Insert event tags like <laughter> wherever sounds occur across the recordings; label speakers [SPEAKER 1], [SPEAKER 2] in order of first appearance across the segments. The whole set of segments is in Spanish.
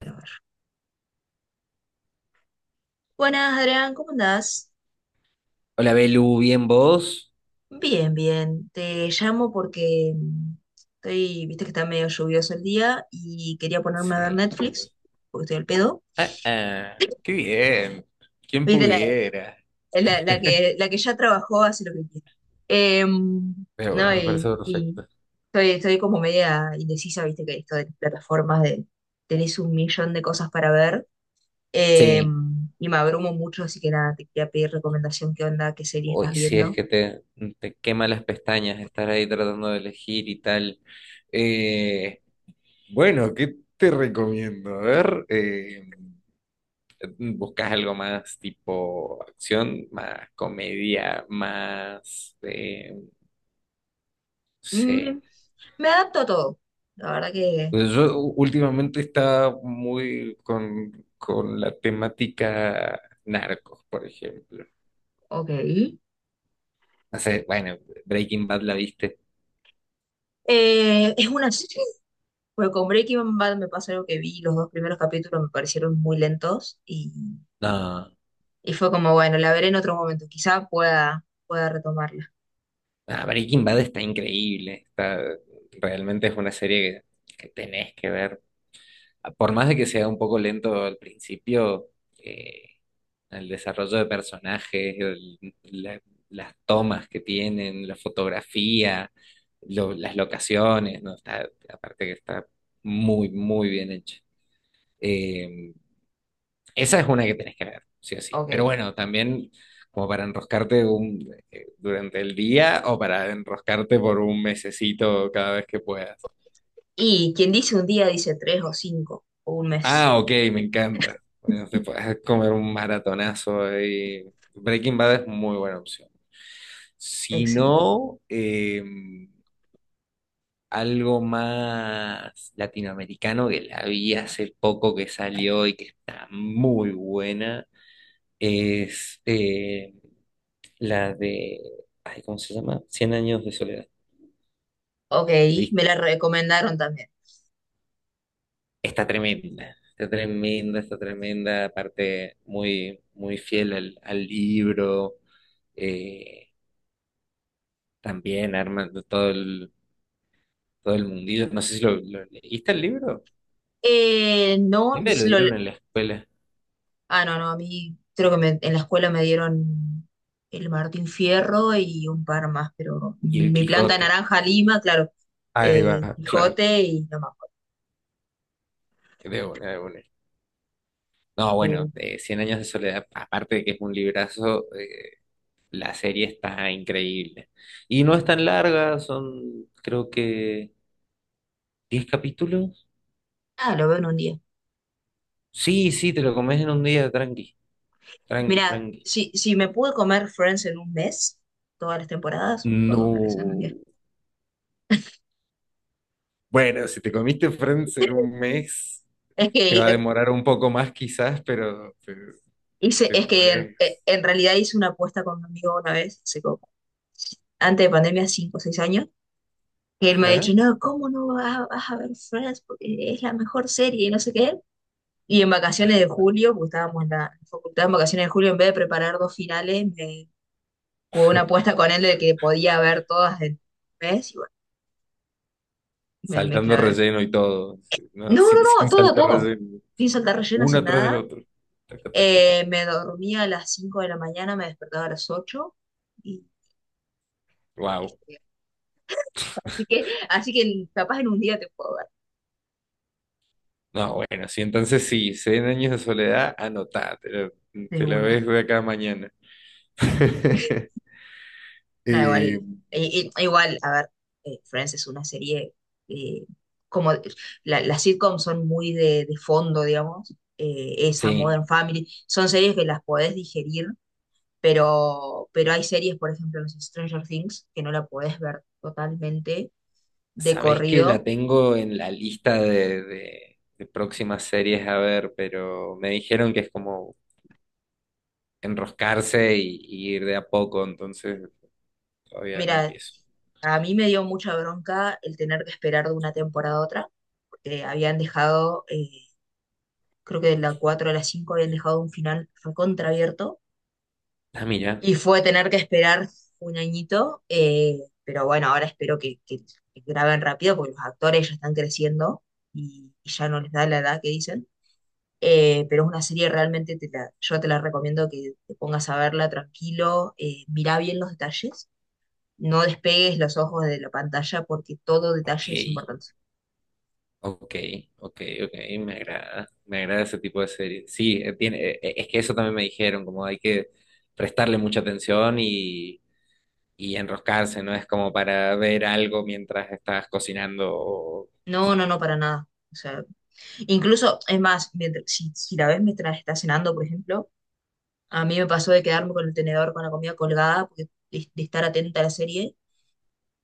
[SPEAKER 1] A ver. Buenas, Adrián, ¿cómo andás?
[SPEAKER 2] Hola Belu, ¿bien vos?
[SPEAKER 1] Bien, bien. Te llamo porque estoy, viste que está medio lluvioso el día y quería ponerme a ver
[SPEAKER 2] Sí.
[SPEAKER 1] Netflix, porque estoy al pedo.
[SPEAKER 2] Ah, ah, qué bien. ¿Quién
[SPEAKER 1] Viste,
[SPEAKER 2] pudiera? <laughs>
[SPEAKER 1] la que ya trabajó hace lo que quiere. Em,
[SPEAKER 2] Pero
[SPEAKER 1] no,
[SPEAKER 2] bueno, me parece
[SPEAKER 1] y
[SPEAKER 2] perfecto.
[SPEAKER 1] estoy, estoy como media indecisa, viste que esto de las plataformas de tenés un millón de cosas para ver.
[SPEAKER 2] Sí.
[SPEAKER 1] em, y me abrumo mucho, así que nada, te quería pedir recomendación, qué onda, qué serie estás
[SPEAKER 2] Uy, sí, es
[SPEAKER 1] viendo.
[SPEAKER 2] que te quema las pestañas estar ahí tratando de elegir y tal. Eh, bueno, ¿qué te recomiendo? A ver, ¿buscas algo más tipo acción, más comedia, más, no sé.
[SPEAKER 1] Me adapto a todo. La verdad que,
[SPEAKER 2] Pues yo últimamente está muy con la temática narcos, por ejemplo.
[SPEAKER 1] ok.
[SPEAKER 2] No sé, bueno, Breaking Bad la viste.
[SPEAKER 1] Es una serie. Pues con Breaking Bad me pasó algo que vi, los dos primeros capítulos me parecieron muy lentos,
[SPEAKER 2] No,
[SPEAKER 1] y fue como, bueno, la veré en otro momento, quizá pueda retomarla.
[SPEAKER 2] no, Breaking Bad está increíble. Está, realmente es una serie que tenés que ver. Por más de que sea un poco lento al principio, eh, el desarrollo de personajes, las tomas que tienen, la fotografía, las locaciones, ¿no? Está, aparte que está muy, muy bien hecho. Eh, esa es una que tenés que ver, sí o sí. Pero
[SPEAKER 1] Ok.
[SPEAKER 2] bueno, también como para enroscarte durante el día o para enroscarte por un mesecito cada vez que puedas.
[SPEAKER 1] Y quien dice un día dice tres o cinco o un mes.
[SPEAKER 2] Ah, ok, me encanta. Bueno, te puedes comer un maratonazo ahí. Breaking Bad es muy buena opción. Si
[SPEAKER 1] Excelente.
[SPEAKER 2] no, algo más latinoamericano que la vi hace poco que salió y que está muy buena es la de, ay, ¿cómo se llama? Cien años de soledad.
[SPEAKER 1] Ok, me la recomendaron también.
[SPEAKER 2] Está tremenda, está tremenda, está tremenda, aparte muy, muy fiel al libro, eh, también armando todo el, mundillo. No sé si lo leíste el libro.
[SPEAKER 1] Eh,
[SPEAKER 2] A
[SPEAKER 1] no,
[SPEAKER 2] mí me lo
[SPEAKER 1] lo,
[SPEAKER 2] dieron en la escuela,
[SPEAKER 1] Ah, no, no, a mí creo que en la escuela me dieron el Martín Fierro y un par más, pero
[SPEAKER 2] y el
[SPEAKER 1] mi planta de
[SPEAKER 2] Quijote,
[SPEAKER 1] naranja Lima, claro,
[SPEAKER 2] ahí va, claro,
[SPEAKER 1] Quijote y no más.
[SPEAKER 2] de una, de una. No, bueno, Cien años de soledad, aparte de que es un librazo, la serie está increíble. Y no es tan larga, son creo que 10 capítulos.
[SPEAKER 1] Ah, lo veo en un día.
[SPEAKER 2] Sí, sí, te lo comes en un día, tranqui. Tranqui,
[SPEAKER 1] Mira,
[SPEAKER 2] tranqui.
[SPEAKER 1] si me pude comer Friends en un mes, todas las temporadas, puedo comer esa en un
[SPEAKER 2] No.
[SPEAKER 1] día.
[SPEAKER 2] Bueno, si te comiste Friends en
[SPEAKER 1] <laughs>
[SPEAKER 2] un mes,
[SPEAKER 1] Es que
[SPEAKER 2] te va a demorar un poco más quizás, pero te,
[SPEAKER 1] Hice,
[SPEAKER 2] te
[SPEAKER 1] es que
[SPEAKER 2] podés.
[SPEAKER 1] en realidad hice una apuesta con un amigo una vez, antes de pandemia, 5 o 6 años, que él me ha
[SPEAKER 2] Ajá.
[SPEAKER 1] dicho, no, ¿cómo no vas, vas a ver Friends? Porque es la mejor serie y no sé qué. Y en vacaciones de julio, porque estábamos en la facultad en vacaciones de julio, en vez de preparar dos finales, me jugué una apuesta con él de que podía ver todas del mes y bueno, me
[SPEAKER 2] Saltando
[SPEAKER 1] clavé.
[SPEAKER 2] relleno y todo. Sí. No,
[SPEAKER 1] No,
[SPEAKER 2] sin,
[SPEAKER 1] no, no,
[SPEAKER 2] sin
[SPEAKER 1] todo,
[SPEAKER 2] saltar
[SPEAKER 1] todo.
[SPEAKER 2] relleno.
[SPEAKER 1] Sin
[SPEAKER 2] Sí.
[SPEAKER 1] saltar relleno,
[SPEAKER 2] Uno
[SPEAKER 1] sin
[SPEAKER 2] atrás del
[SPEAKER 1] nada.
[SPEAKER 2] otro. Taca, taca, taca.
[SPEAKER 1] Me dormía a las 5 de la mañana, me despertaba a las 8 y, y
[SPEAKER 2] Wow.
[SPEAKER 1] estudiaba. Así que, así que capaz en un día te puedo ver
[SPEAKER 2] No, bueno, sí, entonces sí, 100 años de soledad, anotá, te la,
[SPEAKER 1] de
[SPEAKER 2] te la ves
[SPEAKER 1] una.
[SPEAKER 2] de acá a mañana. <laughs>
[SPEAKER 1] No,
[SPEAKER 2] Eh,
[SPEAKER 1] igual, igual, a ver, Friends es una serie, eh, como las sitcoms son muy de fondo, digamos, esa
[SPEAKER 2] sí.
[SPEAKER 1] Modern Family, son series que las podés digerir, pero hay series, por ejemplo, no sé, Stranger Things, que no la podés ver totalmente de
[SPEAKER 2] Sabés que la
[SPEAKER 1] corrido.
[SPEAKER 2] tengo en la lista de, de próximas series a ver, pero me dijeron que es como enroscarse y ir de a poco, entonces todavía no
[SPEAKER 1] Mira,
[SPEAKER 2] empiezo.
[SPEAKER 1] a mí me dio mucha bronca el tener que esperar de una temporada a otra, porque habían dejado, creo que de la 4 a la 5 habían dejado un final recontraabierto.
[SPEAKER 2] Ah, mira,
[SPEAKER 1] Y fue tener que esperar un añito, pero bueno, ahora espero que graben rápido porque los actores ya están creciendo y ya no les da la edad que dicen. Pero es una serie realmente, yo te la recomiendo que te pongas a verla tranquilo, mirá bien los detalles, no despegues los ojos de la pantalla porque todo
[SPEAKER 2] ok,
[SPEAKER 1] detalle es importante.
[SPEAKER 2] ok, ok, ok, me agrada ese tipo de series. Sí, tiene, es que eso también me dijeron, como hay que prestarle mucha atención y enroscarse, no es como para ver algo mientras estás cocinando o, no
[SPEAKER 1] No,
[SPEAKER 2] sé.
[SPEAKER 1] no, no, para nada. O sea, incluso, es más, mientras, si la ves mientras estás cenando, por ejemplo. A mí me pasó de quedarme con el tenedor con la comida colgada, porque de estar atenta a la serie,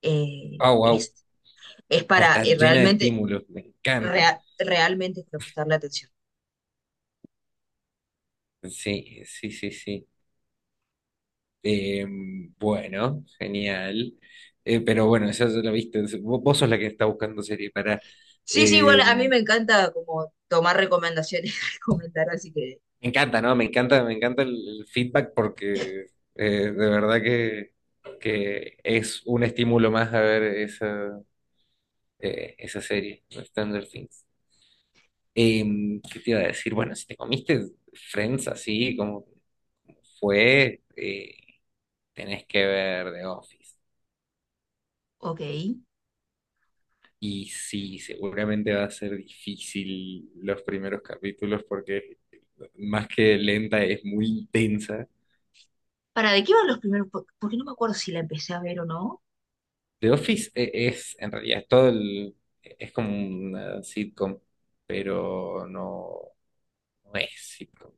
[SPEAKER 1] eh,
[SPEAKER 2] Oh, wow.
[SPEAKER 1] es, es para
[SPEAKER 2] Está
[SPEAKER 1] eh,
[SPEAKER 2] llena de
[SPEAKER 1] realmente,
[SPEAKER 2] estímulos, me encanta.
[SPEAKER 1] realmente es para prestarle atención.
[SPEAKER 2] Sí, sí, sí, sí. Eh, bueno, genial. Pero bueno, eso ya lo viste. Vos sos la que está buscando serie para...
[SPEAKER 1] Sí, sí, igual a mí
[SPEAKER 2] me
[SPEAKER 1] me encanta como tomar recomendaciones, <laughs> comentar así que,
[SPEAKER 2] encanta, ¿no? Me encanta el feedback porque eh, de verdad que es un estímulo más a ver esa, esa serie, Stranger Things. ¿Qué te iba a decir? Bueno, si te comiste Friends así como fue... Tenés que ver The Office.
[SPEAKER 1] ok.
[SPEAKER 2] Y sí, seguramente va a ser difícil los primeros capítulos porque más que lenta es muy intensa.
[SPEAKER 1] ¿Para de qué van los primeros? Porque no me acuerdo si la empecé a ver o no.
[SPEAKER 2] The Office es, en realidad, todo el, es como una sitcom, pero no, no es sitcom.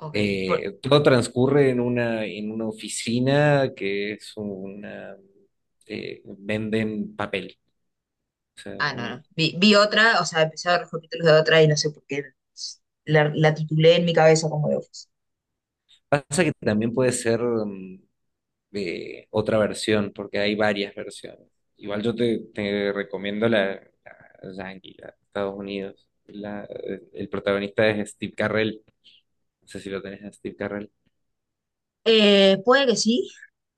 [SPEAKER 1] Ok, por-
[SPEAKER 2] Todo transcurre en una, oficina que es una, venden papel. O sea,
[SPEAKER 1] ah, no, no. Vi, vi otra, o sea, empecé a ver los capítulos de otra y no sé por qué. La titulé en mi cabeza como de Office.
[SPEAKER 2] pasa que también puede ser otra versión, porque hay varias versiones. Igual yo te recomiendo la Yankee, la de Estados Unidos. El protagonista es Steve Carrell, no sé si lo tenés a Steve Carrell,
[SPEAKER 1] Puede que sí,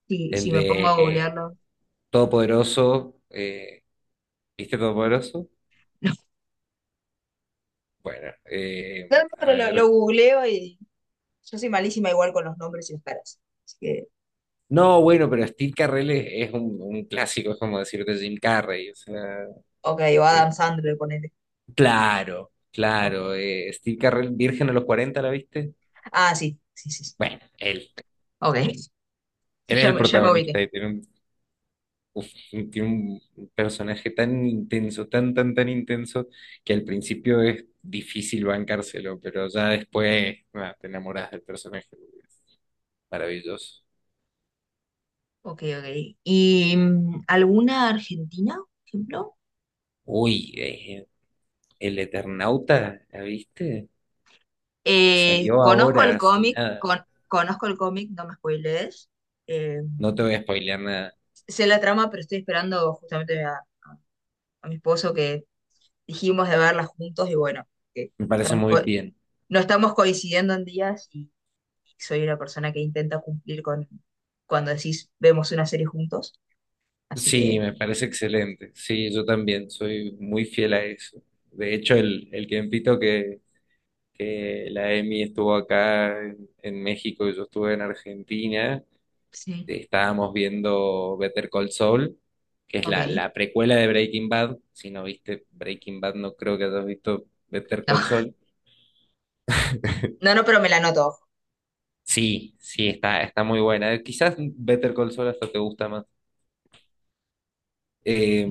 [SPEAKER 1] si
[SPEAKER 2] el
[SPEAKER 1] me
[SPEAKER 2] de
[SPEAKER 1] pongo a googlearlo.
[SPEAKER 2] Todopoderoso, ¿viste Todopoderoso? Bueno,
[SPEAKER 1] No, no,
[SPEAKER 2] a
[SPEAKER 1] pero lo
[SPEAKER 2] ver.
[SPEAKER 1] googleo y yo soy malísima igual con los nombres y las caras. Así que,
[SPEAKER 2] No, bueno, pero Steve Carrell es un, clásico, es como decirte Jim Carrey, o sea,
[SPEAKER 1] ok, o
[SPEAKER 2] eh,
[SPEAKER 1] Adam Sandler, ponele.
[SPEAKER 2] claro,
[SPEAKER 1] Ok.
[SPEAKER 2] claro, Steve Carrell, Virgen a los 40, ¿la viste?
[SPEAKER 1] Ah, sí, sí, sí. Sí.
[SPEAKER 2] Bueno, él.
[SPEAKER 1] Ok, sí,
[SPEAKER 2] Él es
[SPEAKER 1] ya,
[SPEAKER 2] el
[SPEAKER 1] ya me ubiqué.
[SPEAKER 2] protagonista y uf, tiene un personaje tan intenso, tan, tan, tan intenso, que al principio es difícil bancárselo, pero ya después ah, te enamoras del personaje. Es maravilloso.
[SPEAKER 1] Ok, ok. ¿Y alguna argentina, por ejemplo?
[SPEAKER 2] Uy, el Eternauta, ¿la viste?
[SPEAKER 1] Eh,
[SPEAKER 2] Salió
[SPEAKER 1] conozco el
[SPEAKER 2] ahora, hace
[SPEAKER 1] cómic,
[SPEAKER 2] nada.
[SPEAKER 1] con, conozco el cómic, no me spoilees. Eh,
[SPEAKER 2] No te voy a spoilear nada.
[SPEAKER 1] sé la trama, pero estoy esperando justamente a mi esposo que dijimos de verla juntos y bueno, que
[SPEAKER 2] Me parece muy bien.
[SPEAKER 1] no estamos coincidiendo en días. Soy una persona que intenta cumplir con cuando decís vemos una serie juntos, así
[SPEAKER 2] Sí,
[SPEAKER 1] que
[SPEAKER 2] me parece excelente. Sí, yo también soy muy fiel a eso. De hecho, el tiempito que la Emi estuvo acá en México y yo estuve en Argentina.
[SPEAKER 1] sí,
[SPEAKER 2] Estábamos viendo Better Call Saul, que es
[SPEAKER 1] ok.
[SPEAKER 2] la precuela de Breaking Bad. Si no viste Breaking Bad, no creo que hayas visto Better
[SPEAKER 1] No,
[SPEAKER 2] Call
[SPEAKER 1] <laughs>
[SPEAKER 2] Saul. <laughs>
[SPEAKER 1] no, no, pero me la noto.
[SPEAKER 2] Sí, sí, está muy buena. Quizás Better Call Saul hasta te gusta más. Eh,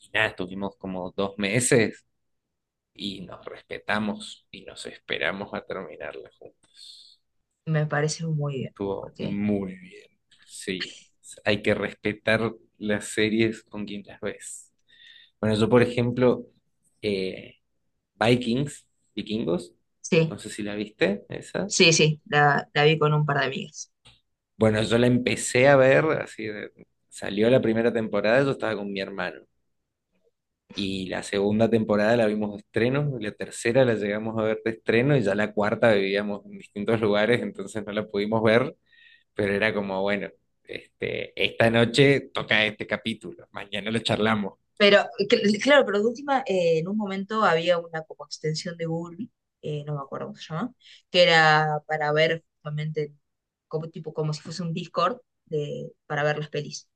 [SPEAKER 2] y nada, estuvimos como dos meses y nos respetamos y nos esperamos a terminarla.
[SPEAKER 1] Me parece muy bien,
[SPEAKER 2] Estuvo
[SPEAKER 1] porque
[SPEAKER 2] muy bien. Sí, hay que respetar las series con quien las ves. Bueno, yo, por ejemplo, eh, Vikings, Vikingos,
[SPEAKER 1] sí,
[SPEAKER 2] no sé si la viste, esa.
[SPEAKER 1] sí, sí, la vi con un par de amigas.
[SPEAKER 2] Bueno, yo la empecé a ver, salió la primera temporada, yo estaba con mi hermano. Y la segunda temporada la vimos de estreno, y la tercera la llegamos a ver de estreno, y ya la cuarta vivíamos en distintos lugares, entonces no la pudimos ver. Pero era como, bueno, este, esta noche toca este capítulo, mañana lo charlamos.
[SPEAKER 1] Pero claro, pero de última, en un momento había una como extensión de Google, no me acuerdo cómo se llama, que era para ver justamente como tipo como si fuese un Discord de, para ver las pelis.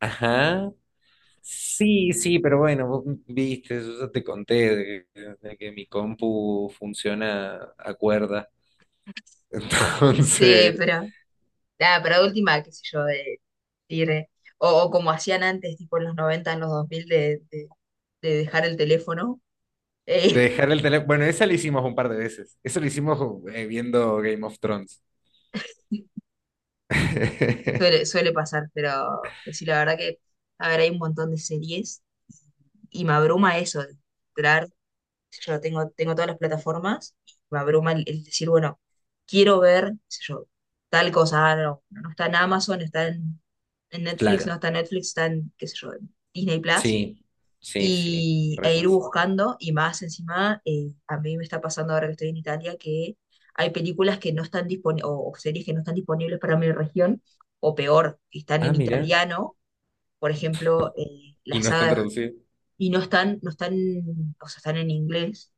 [SPEAKER 2] Ajá. Sí, sí, pero bueno, vos viste, yo ya te conté de que mi compu funciona a cuerda. <laughs>
[SPEAKER 1] Sí,
[SPEAKER 2] Entonces,
[SPEAKER 1] pero ah, pero de última, qué sé yo, de ir, o como hacían antes, tipo en los 90 en los 2000, de dejar el teléfono,
[SPEAKER 2] de
[SPEAKER 1] eh,
[SPEAKER 2] dejar el teléfono. Bueno, esa lo hicimos un par de veces. Eso lo hicimos viendo Game of Thrones.
[SPEAKER 1] <laughs>
[SPEAKER 2] <laughs>
[SPEAKER 1] suele, suele pasar, pero sí, la verdad que, a ver, hay un montón de series y me abruma eso, de entrar, qué sé yo tengo, tengo todas las plataformas, y me abruma el decir, bueno, quiero ver, qué sé yo, tal cosa, ah, no, no está en Amazon, está en Netflix, no
[SPEAKER 2] Claro,
[SPEAKER 1] está en Netflix, está en, qué sé yo, en Disney Plus
[SPEAKER 2] sí, sí, sí,
[SPEAKER 1] y,
[SPEAKER 2] re
[SPEAKER 1] e ir
[SPEAKER 2] pasa.
[SPEAKER 1] buscando, y más encima, a mí me está pasando ahora que estoy en Italia, que hay películas que no están disponibles, o series que no están disponibles para mi región, o peor, están
[SPEAKER 2] Ah,
[SPEAKER 1] en
[SPEAKER 2] mira.
[SPEAKER 1] italiano, por ejemplo,
[SPEAKER 2] Y
[SPEAKER 1] la
[SPEAKER 2] no
[SPEAKER 1] saga,
[SPEAKER 2] están traducidos.
[SPEAKER 1] y no están, no están, o sea, están en inglés,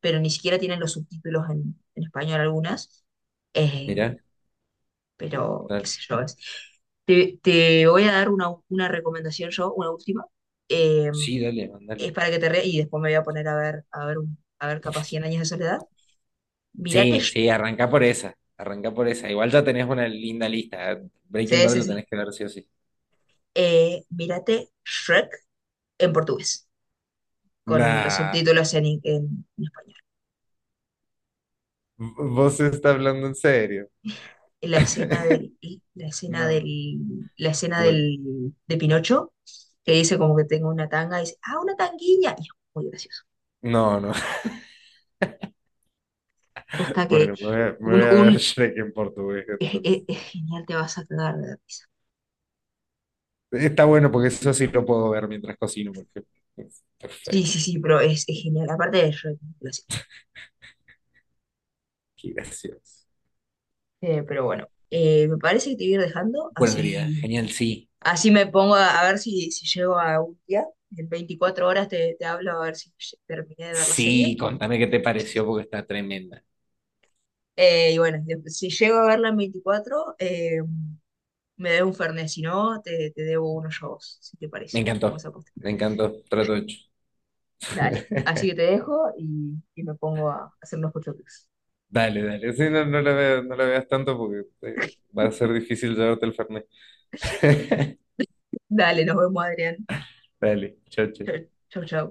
[SPEAKER 1] pero ni siquiera tienen los subtítulos en español algunas, eh,
[SPEAKER 2] Mira,
[SPEAKER 1] pero qué
[SPEAKER 2] claro.
[SPEAKER 1] sé yo, te, te voy a dar una recomendación yo, una última. Eh,
[SPEAKER 2] Sí, dale, mandale.
[SPEAKER 1] es para que te rías, y después me voy a poner a ver, a ver, a ver capaz cien años de soledad. Mírate,
[SPEAKER 2] Sí, sí, arranca por esa, arranca por esa. Igual ya tenés una linda lista. ¿Eh? Breaking
[SPEAKER 1] Sí,
[SPEAKER 2] Bad
[SPEAKER 1] sí,
[SPEAKER 2] lo
[SPEAKER 1] sí.
[SPEAKER 2] tenés que ver sí o sí.
[SPEAKER 1] Mírate Shrek en portugués, con los
[SPEAKER 2] Nah,
[SPEAKER 1] subtítulos en español.
[SPEAKER 2] vos está hablando en serio.
[SPEAKER 1] La escena del, la
[SPEAKER 2] <laughs>
[SPEAKER 1] escena
[SPEAKER 2] No,
[SPEAKER 1] la escena
[SPEAKER 2] bueno,
[SPEAKER 1] del, de Pinocho, que dice como que tengo una tanga, y dice, ah, una tanguilla, y es muy gracioso.
[SPEAKER 2] no, no. <laughs>
[SPEAKER 1] Hasta que
[SPEAKER 2] Bueno, me voy a, me
[SPEAKER 1] un,
[SPEAKER 2] voy a ver
[SPEAKER 1] un
[SPEAKER 2] Shrek en portugués entonces.
[SPEAKER 1] es genial, te vas a cagar de la risa.
[SPEAKER 2] Está bueno porque eso sí lo puedo ver mientras cocino, por ejemplo.
[SPEAKER 1] Sí,
[SPEAKER 2] Perfecto,
[SPEAKER 1] sí, sí, pero es genial. Aparte de Shrek,
[SPEAKER 2] qué gracioso.
[SPEAKER 1] eh, pero bueno, me parece que te voy a ir dejando,
[SPEAKER 2] Bueno, querida,
[SPEAKER 1] así,
[SPEAKER 2] genial, sí.
[SPEAKER 1] así me pongo a ver si llego a un día. En 24 horas te, te hablo a ver si terminé de ver la serie.
[SPEAKER 2] Sí, contame qué te pareció porque está tremenda.
[SPEAKER 1] Y bueno, si llego a verla en 24 me debo un Fernet, si no, te debo unos yo a vos, si te
[SPEAKER 2] Me
[SPEAKER 1] parece. Vamos
[SPEAKER 2] encantó,
[SPEAKER 1] a apostar.
[SPEAKER 2] me encantó, trato hecho.
[SPEAKER 1] Dale, así
[SPEAKER 2] <laughs>
[SPEAKER 1] que te dejo y me pongo a hacer unos pochoclos.
[SPEAKER 2] Dale, dale. Sí, no, no la veas, no la veas tanto porque va a ser
[SPEAKER 1] <laughs>
[SPEAKER 2] difícil llevarte el fernet. <laughs>
[SPEAKER 1] Dale, nos vemos, Adrián.
[SPEAKER 2] Dale, chao,
[SPEAKER 1] Chau,
[SPEAKER 2] chao.
[SPEAKER 1] chau. Chau.